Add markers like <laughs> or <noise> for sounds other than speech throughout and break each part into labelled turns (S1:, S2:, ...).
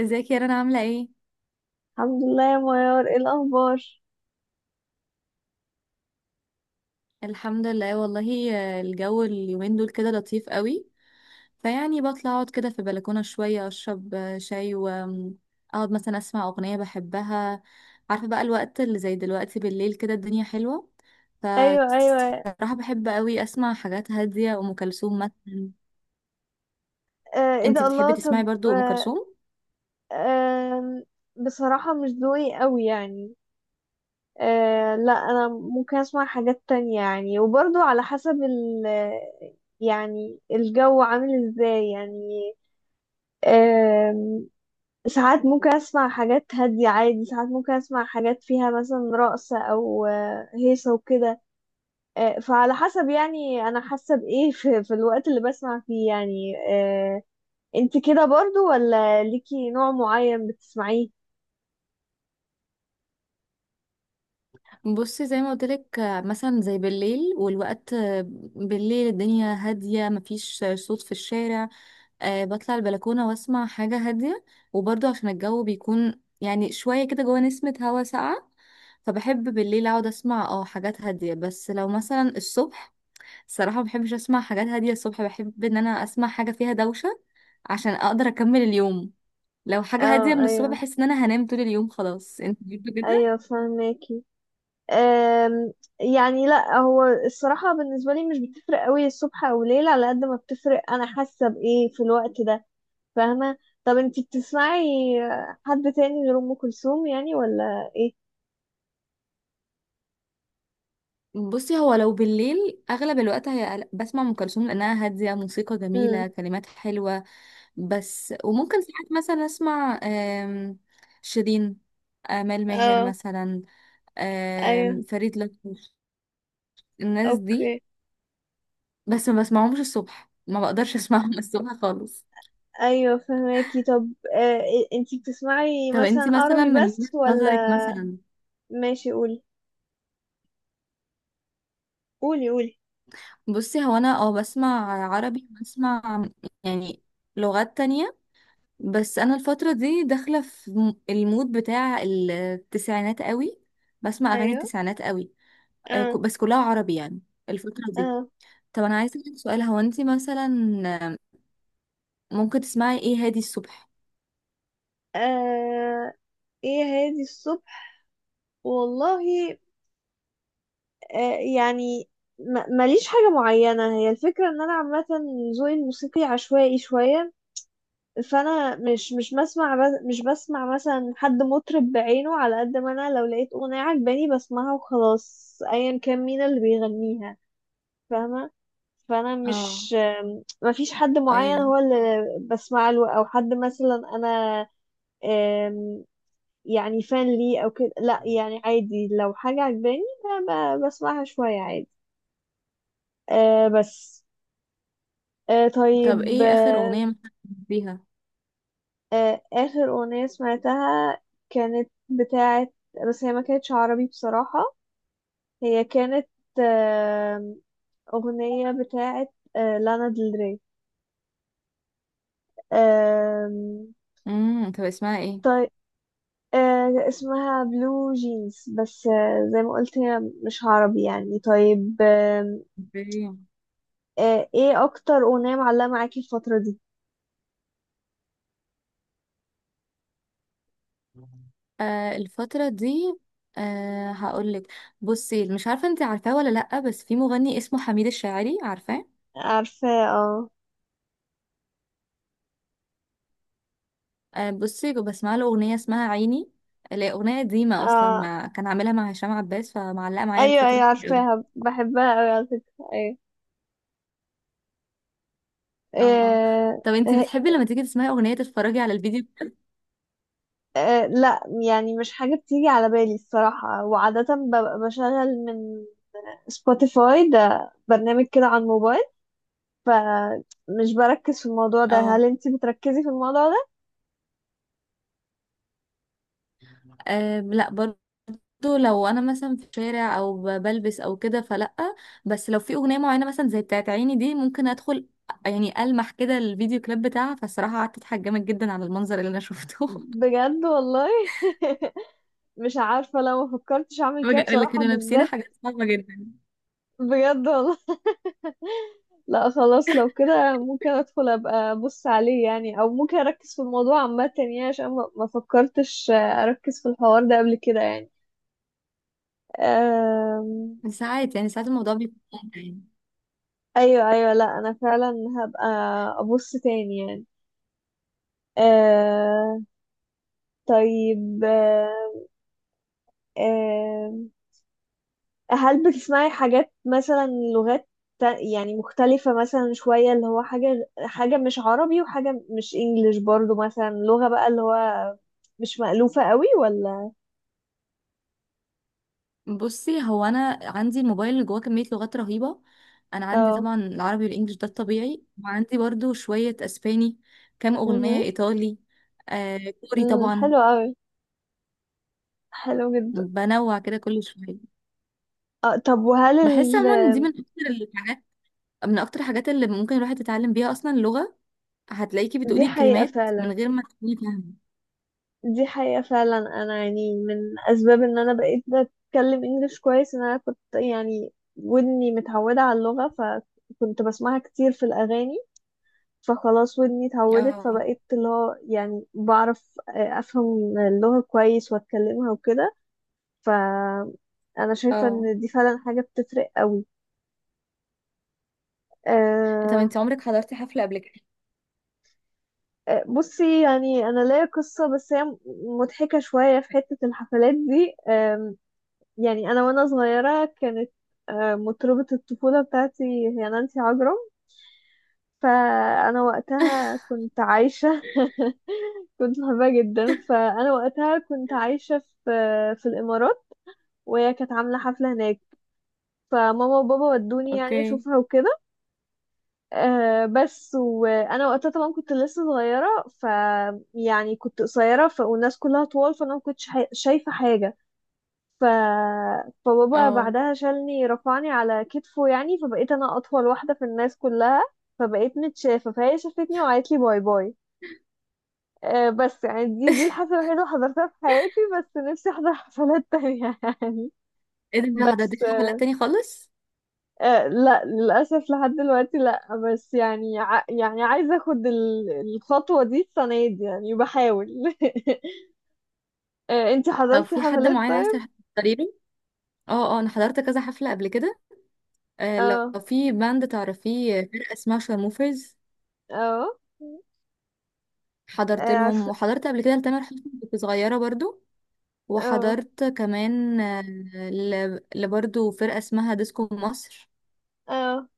S1: ازيك يا رنا، عاملة ايه؟
S2: الحمد لله يا ميار، ايه الاخبار؟
S1: الحمد لله والله. الجو اليومين دول كده لطيف قوي. فيعني بطلع اقعد كده في البلكونة شوية اشرب شاي، واقعد مثلا اسمع اغنية بحبها. عارفة، بقى الوقت اللي زي دلوقتي بالليل كده الدنيا حلوة.
S2: ايوه ايوه.
S1: فصراحة بحب قوي اسمع حاجات هادية، ام كلثوم مثلا.
S2: آه ايه
S1: انتي
S2: ده،
S1: بتحبي
S2: الله. طب
S1: تسمعي برضو ام
S2: آه.
S1: كلثوم؟
S2: آه بصراحه مش ذوقي قوي يعني. آه لا، انا ممكن اسمع حاجات تانية يعني، وبرضو على حسب ال، يعني الجو عامل ازاي يعني. آه. ساعات ممكن اسمع حاجات هاديه عادي، ساعات ممكن اسمع حاجات فيها مثلا رقص او هيصه وكده. فعلى حسب يعني انا حاسه بايه <laughs> في الوقت اللي بسمع فيه يعني. انت كده برضو، ولا ليكي نوع معين بتسمعيه؟
S1: بصي، زي ما قلت لك، مثلا زي بالليل والوقت. بالليل الدنيا هادية، مفيش صوت في الشارع. بطلع البلكونة واسمع حاجة هادية. وبرضه عشان الجو بيكون يعني شوية كده جوه نسمة هوا ساقعة. فبحب بالليل اقعد اسمع حاجات هادية. بس لو مثلا الصبح، الصراحة مبحبش اسمع حاجات هادية الصبح، بحب ان انا اسمع حاجة فيها دوشة عشان اقدر اكمل اليوم. لو حاجة هادية
S2: اه
S1: من الصبح
S2: ايوه
S1: بحس ان انا هنام طول اليوم. خلاص، انت بتحب كده؟
S2: ايوه فهماكي. آم، يعني لا، هو الصراحه بالنسبه لي مش بتفرق قوي الصبح او ليل، على قد ما بتفرق انا حاسه بايه في الوقت ده. فاهمه. طب انت بتسمعي حد تاني غير ام كلثوم يعني، ولا ايه؟
S1: بصي، هو لو بالليل اغلب الوقت هي بسمع ام كلثوم، لانها هادية، موسيقى
S2: امم.
S1: جميلة، كلمات حلوة. بس وممكن ساعات مثلا اسمع شيرين، آمال ماهر
S2: اه
S1: مثلا،
S2: ايوه.
S1: فريد لطفي. الناس دي.
S2: اوكي.
S1: بس ما بسمعهمش الصبح، ما بقدرش اسمعهم <laughs> الصبح خالص.
S2: ايوه فهماكي. طب آه، انتي بتسمعي
S1: طب انتي
S2: مثلا
S1: مثلا
S2: عربي
S1: من وجهة
S2: بس ولا؟
S1: نظرك مثلا؟
S2: ماشي قولي. قولي قولي.
S1: بصي، هو انا بسمع عربي، بسمع يعني لغات تانية. بس انا الفترة دي داخلة في المود بتاع التسعينات قوي، بسمع اغاني
S2: ايوه.
S1: التسعينات قوي.
S2: اه
S1: بس كلها عربي يعني الفترة دي.
S2: اه.
S1: طب انا عايزه اسالك سؤال، هو انت مثلا ممكن تسمعي ايه هادي الصبح؟
S2: آه. ايه هادي الصبح؟ والله آه يعني، ماليش حاجة معينة، هي الفكرة ان انا عامة ذوقي الموسيقي عشوائي شوية. فانا مش بسمع مثلا حد مطرب بعينه، على قد ما انا لو لقيت اغنية عجباني بسمعها وخلاص، ايا كان مين اللي بيغنيها. فاهمة. فانا
S1: اه،
S2: مش، ما فيش حد معين
S1: ايوه.
S2: هو اللي بسمع له، او حد مثلا انا آم، يعني فان ليه او كده. لا يعني عادي لو حاجة عجباني بسمعها شوية عادي. آه بس. آه طيب.
S1: طب ايه اخر
S2: آه،
S1: اغنيه مثلا بيها؟
S2: آه آخر أغنية سمعتها كانت بتاعة، بس هي ما كانتش عربي بصراحة. هي كانت آم، أغنية بتاعة آه لانا ديل ري. آم،
S1: طب اسمها ايه؟
S2: آه، اسمها بلو جينز. بس زي ما قلت هي مش عربي يعني. طيب
S1: اوكي.
S2: آه، ايه اكتر اغنية معلقة معاكي الفترة دي؟
S1: الفتره دي. هقولك. بصي، مش عارفه انت عارفاه ولا لا، بس في مغني اسمه حميد الشاعري، عارفاه؟
S2: عارفة. اه
S1: بصي بسمع له اغنيه اسمها عيني، اللي هي اغنيه قديمه اصلا،
S2: اه
S1: كان عاملها مع هشام عباس، فمعلقه معايا
S2: ايوه
S1: الفتره
S2: ايوه
S1: دي أوي.
S2: عارفاها، بحبها قوي على فكرة، ايوه.
S1: اه، اه.
S2: آه،
S1: طب انت
S2: آه،
S1: بتحبي لما تيجي تسمعي اغنيه تتفرجي على الفيديو؟
S2: آه، لا يعني مش حاجة بتيجي على بالي الصراحة. وعادة ببقى بشغل من سبوتيفاي، ده برنامج كده على الموبايل، فمش بركز في الموضوع ده.
S1: اه،
S2: هل انتي بتركزي في الموضوع ده؟
S1: أه لا، برضو لو انا مثلا في شارع او بلبس او كده فلا. بس لو في اغنيه معينه مثلا زي بتاعت عيني دي ممكن ادخل يعني المح كده الفيديو كليب بتاعها، فالصراحه قعدت اضحك جامد جدا على المنظر اللي انا شفته.
S2: بجد والله. <laughs> مش عارفة، لو ما فكرتش
S1: <laughs>
S2: اعمل كده
S1: اللي
S2: بصراحة،
S1: كانوا لابسين
S2: بالذات.
S1: حاجات صعبه جدا.
S2: بجد والله. <laughs> لا خلاص لو كده ممكن ادخل ابقى ابص عليه يعني، او ممكن اركز في الموضوع عامة يعني، عشان ما فكرتش اركز في الحوار ده قبل كده يعني. أم.
S1: ساعات يعني ساعات الموضوع بيكون ممتع يعني.
S2: ايوه ايوه، لا انا فعلا هبقى ابص تاني يعني. أه. طيب. أه، هل بتسمعي حاجات مثلا لغات يعني مختلفة مثلا شوية، اللي هو حاجة حاجة مش عربي وحاجة مش انجليش برضو، مثلا لغة بقى اللي هو مش مألوفة قوي، ولا؟
S1: بصي، هو انا عندي الموبايل اللي جواه كميه لغات رهيبه. انا عندي
S2: اه.
S1: طبعا العربي والانجليش ده الطبيعي، وعندي برضو شويه اسباني، كام
S2: مهم.
S1: اغنيه ايطالي، كوري طبعا.
S2: حلو قوي. حلو جدا.
S1: بنوع كده كل شوية.
S2: اه طب وهل
S1: بحس
S2: ال.
S1: عموما دي الحاجات من أكتر الحاجات اللي ممكن الواحد يتعلم بيها أصلا اللغة. هتلاقيكي
S2: دي
S1: بتقولي
S2: حقيقة
S1: الكلمات
S2: فعلا.
S1: من غير ما تكوني فاهمة.
S2: دي حقيقة فعلا، انا يعني من اسباب ان انا بقيت بتكلم انجليش كويس ان انا كنت يعني ودني متعودة على اللغة، فكنت بسمعها كتير في الاغاني، فخلاص ودني اتعودت،
S1: اه،
S2: فبقيت اللي هو يعني بعرف افهم اللغة كويس واتكلمها وكده. ف انا شايفة
S1: اه.
S2: ان دي فعلا حاجة بتفرق قوي.
S1: طب
S2: أه.
S1: انت عمرك حضرتي حفلة قبل كده؟
S2: بصي يعني انا ليا قصة، بس هي مضحكة شوية في حتة الحفلات دي. يعني انا وانا صغيرة كانت مطربة الطفولة بتاعتي هي نانسي عجرم. فانا وقتها كنت عايشه، <laughs> كنت بحبها جدا. فانا وقتها كنت عايشه في في الامارات، وهي كانت عامله حفله هناك. فماما وبابا ودوني يعني
S1: اوكي.
S2: اشوفها وكده. أه بس وانا وقتها طبعا كنت لسه صغيره، ف يعني كنت قصيره ف، والناس كلها طوال، فانا ما كنتش حي، شايفه حاجه ف. فبابا
S1: اه.
S2: بعدها شالني رفعني على كتفه يعني، فبقيت انا اطول واحده في الناس كلها، فبقيت متشافه، فهي شافتني وقالت لي باي باي. بس يعني دي
S1: <laughs>
S2: الحفلة الوحيدة اللي حضرتها في حياتي. بس نفسي أحضر <laughs> حفلات تانية يعني.
S1: ايه ده، ما
S2: بس
S1: حضرتيش حفلات تاني خالص؟
S2: لا للأسف لحد دلوقتي لا، بس يعني يعني عايزة أخد الخطوة دي السنة دي، يعني بحاول. <laughs> انتي
S1: لو
S2: حضرتي
S1: في حد
S2: حفلات
S1: معين عايز
S2: طيب؟
S1: تحضري له؟ اه، اه، انا حضرت كذا حفلة قبل كده. لو
S2: اه
S1: في باند تعرفيه، فرقة اسمها شارموفرز،
S2: اه.
S1: حضرت لهم.
S2: عارفة.
S1: وحضرت قبل كده لتامر حسني، كنت صغيرة برضو.
S2: اه
S1: وحضرت كمان لبرضو فرقة اسمها ديسكو مصر.
S2: اه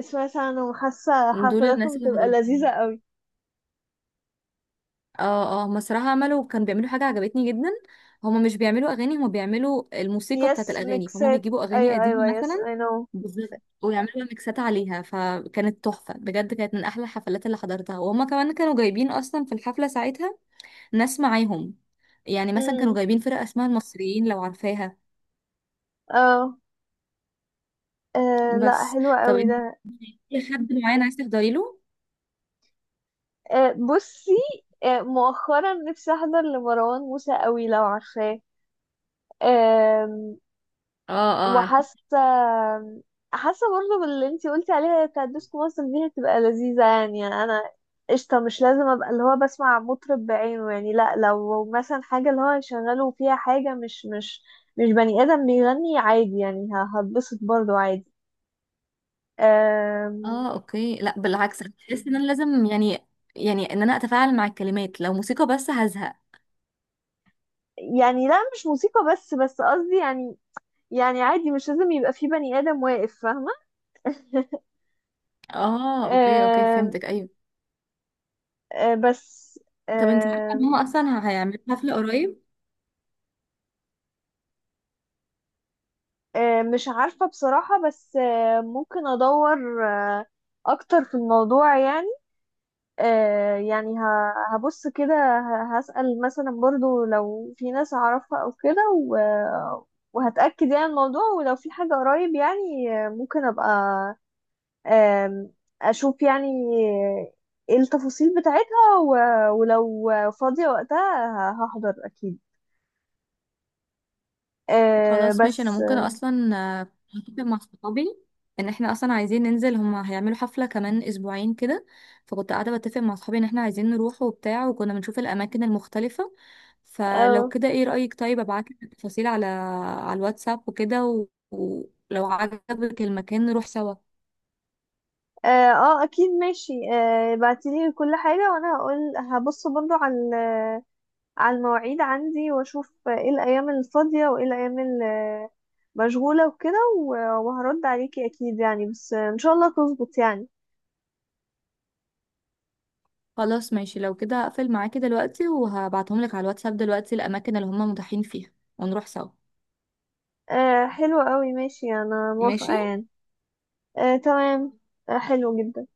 S2: سمعت عنهم، حاسة
S1: دول الناس
S2: حفلاتهم
S1: اللي
S2: بتبقى لذيذة
S1: حضرتهم.
S2: قوي.
S1: اه، اه، مسرحة، كانوا بيعملوا حاجة عجبتني جدا. هما مش بيعملوا أغاني، هما بيعملوا الموسيقى بتاعت
S2: يس
S1: الأغاني. فهما
S2: ميكسات.
S1: بيجيبوا أغاني
S2: ايوه ايوه
S1: قديمة
S2: يس
S1: مثلا،
S2: اي نو.
S1: بالظبط، ويعملوا ميكسات عليها. فكانت تحفة بجد، كانت من أحلى الحفلات اللي حضرتها. وهما كمان كانوا جايبين أصلا في الحفلة ساعتها ناس معاهم. يعني مثلا كانوا
S2: امم.
S1: جايبين فرقة اسمها المصريين، لو عارفاها.
S2: اه لا
S1: بس.
S2: حلوة
S1: طب
S2: قوي
S1: انت،
S2: ده.
S1: في حد معين عايز تحضري له؟
S2: بصي مؤخرا نفسي احضر لمروان موسى قوي، لو عارفاه. آم،
S1: اه، اه، عارفة.
S2: وحاسه، حاسه برضه باللي انتي قلتي عليها بتاعت ديسكو مصر دي، هتبقى لذيذه يعني. انا قشطه، مش لازم ابقى اللي هو بسمع مطرب بعينه يعني، لا، لو مثلا حاجه اللي هو يشغله فيها حاجه مش مش بني ادم بيغني عادي يعني، هتبسط برضه عادي. آم،
S1: اه، اوكي. لا بالعكس، أنا بحس ان انا لازم يعني، يعني ان انا اتفاعل مع الكلمات، لو موسيقى بس هزهق.
S2: يعني لا مش موسيقى بس، بس قصدي يعني، يعني عادي مش لازم يبقى في بني آدم واقف، فاهمة؟ <laughs>
S1: اه، اوكي اوكي،
S2: آم،
S1: فهمتك. ايوه.
S2: آه، بس
S1: طب انت عارفة ان
S2: آم،
S1: هم اصلا هيعملوا حفلة قريب؟
S2: آه، مش عارفة بصراحة، بس ممكن أدور أكتر في الموضوع يعني. يعني هبص كده، هسأل مثلا برضو لو في ناس أعرفها أو كده، وهتأكد يعني الموضوع، ولو في حاجة قريب يعني ممكن أبقى آم، أشوف يعني آه، إيه التفاصيل بتاعتها، ولو فاضية وقتها هحضر أكيد. آه
S1: خلاص ماشي، انا
S2: بس.
S1: ممكن اصلا آه، هتفق مع صحابي ان احنا اصلا عايزين ننزل. هما هيعملوا حفلة كمان اسبوعين كده، فكنت قاعدة بتفق مع صحابي ان احنا عايزين نروح وبتاع، وكنا بنشوف الاماكن المختلفة. فلو
S2: اه
S1: كده ايه رأيك، طيب ابعتلك التفاصيل على الواتساب وكده، ولو عجبك المكان نروح سوا.
S2: اه اكيد ماشي، آه بعتيلي كل حاجة وانا هقول، هبص برضو على على المواعيد عندي واشوف ايه الايام الفاضية وايه الايام مشغولة وكده، وهرد عليكي اكيد يعني، بس ان شاء الله تظبط يعني.
S1: خلاص ماشي، لو كده هقفل معاكي دلوقتي، وهبعتهم لك على الواتساب دلوقتي الاماكن اللي هما متاحين فيها، ونروح سوا.
S2: آه حلو قوي، ماشي انا موافقة
S1: ماشي.
S2: يعني. آه تمام. آه حلو جدا.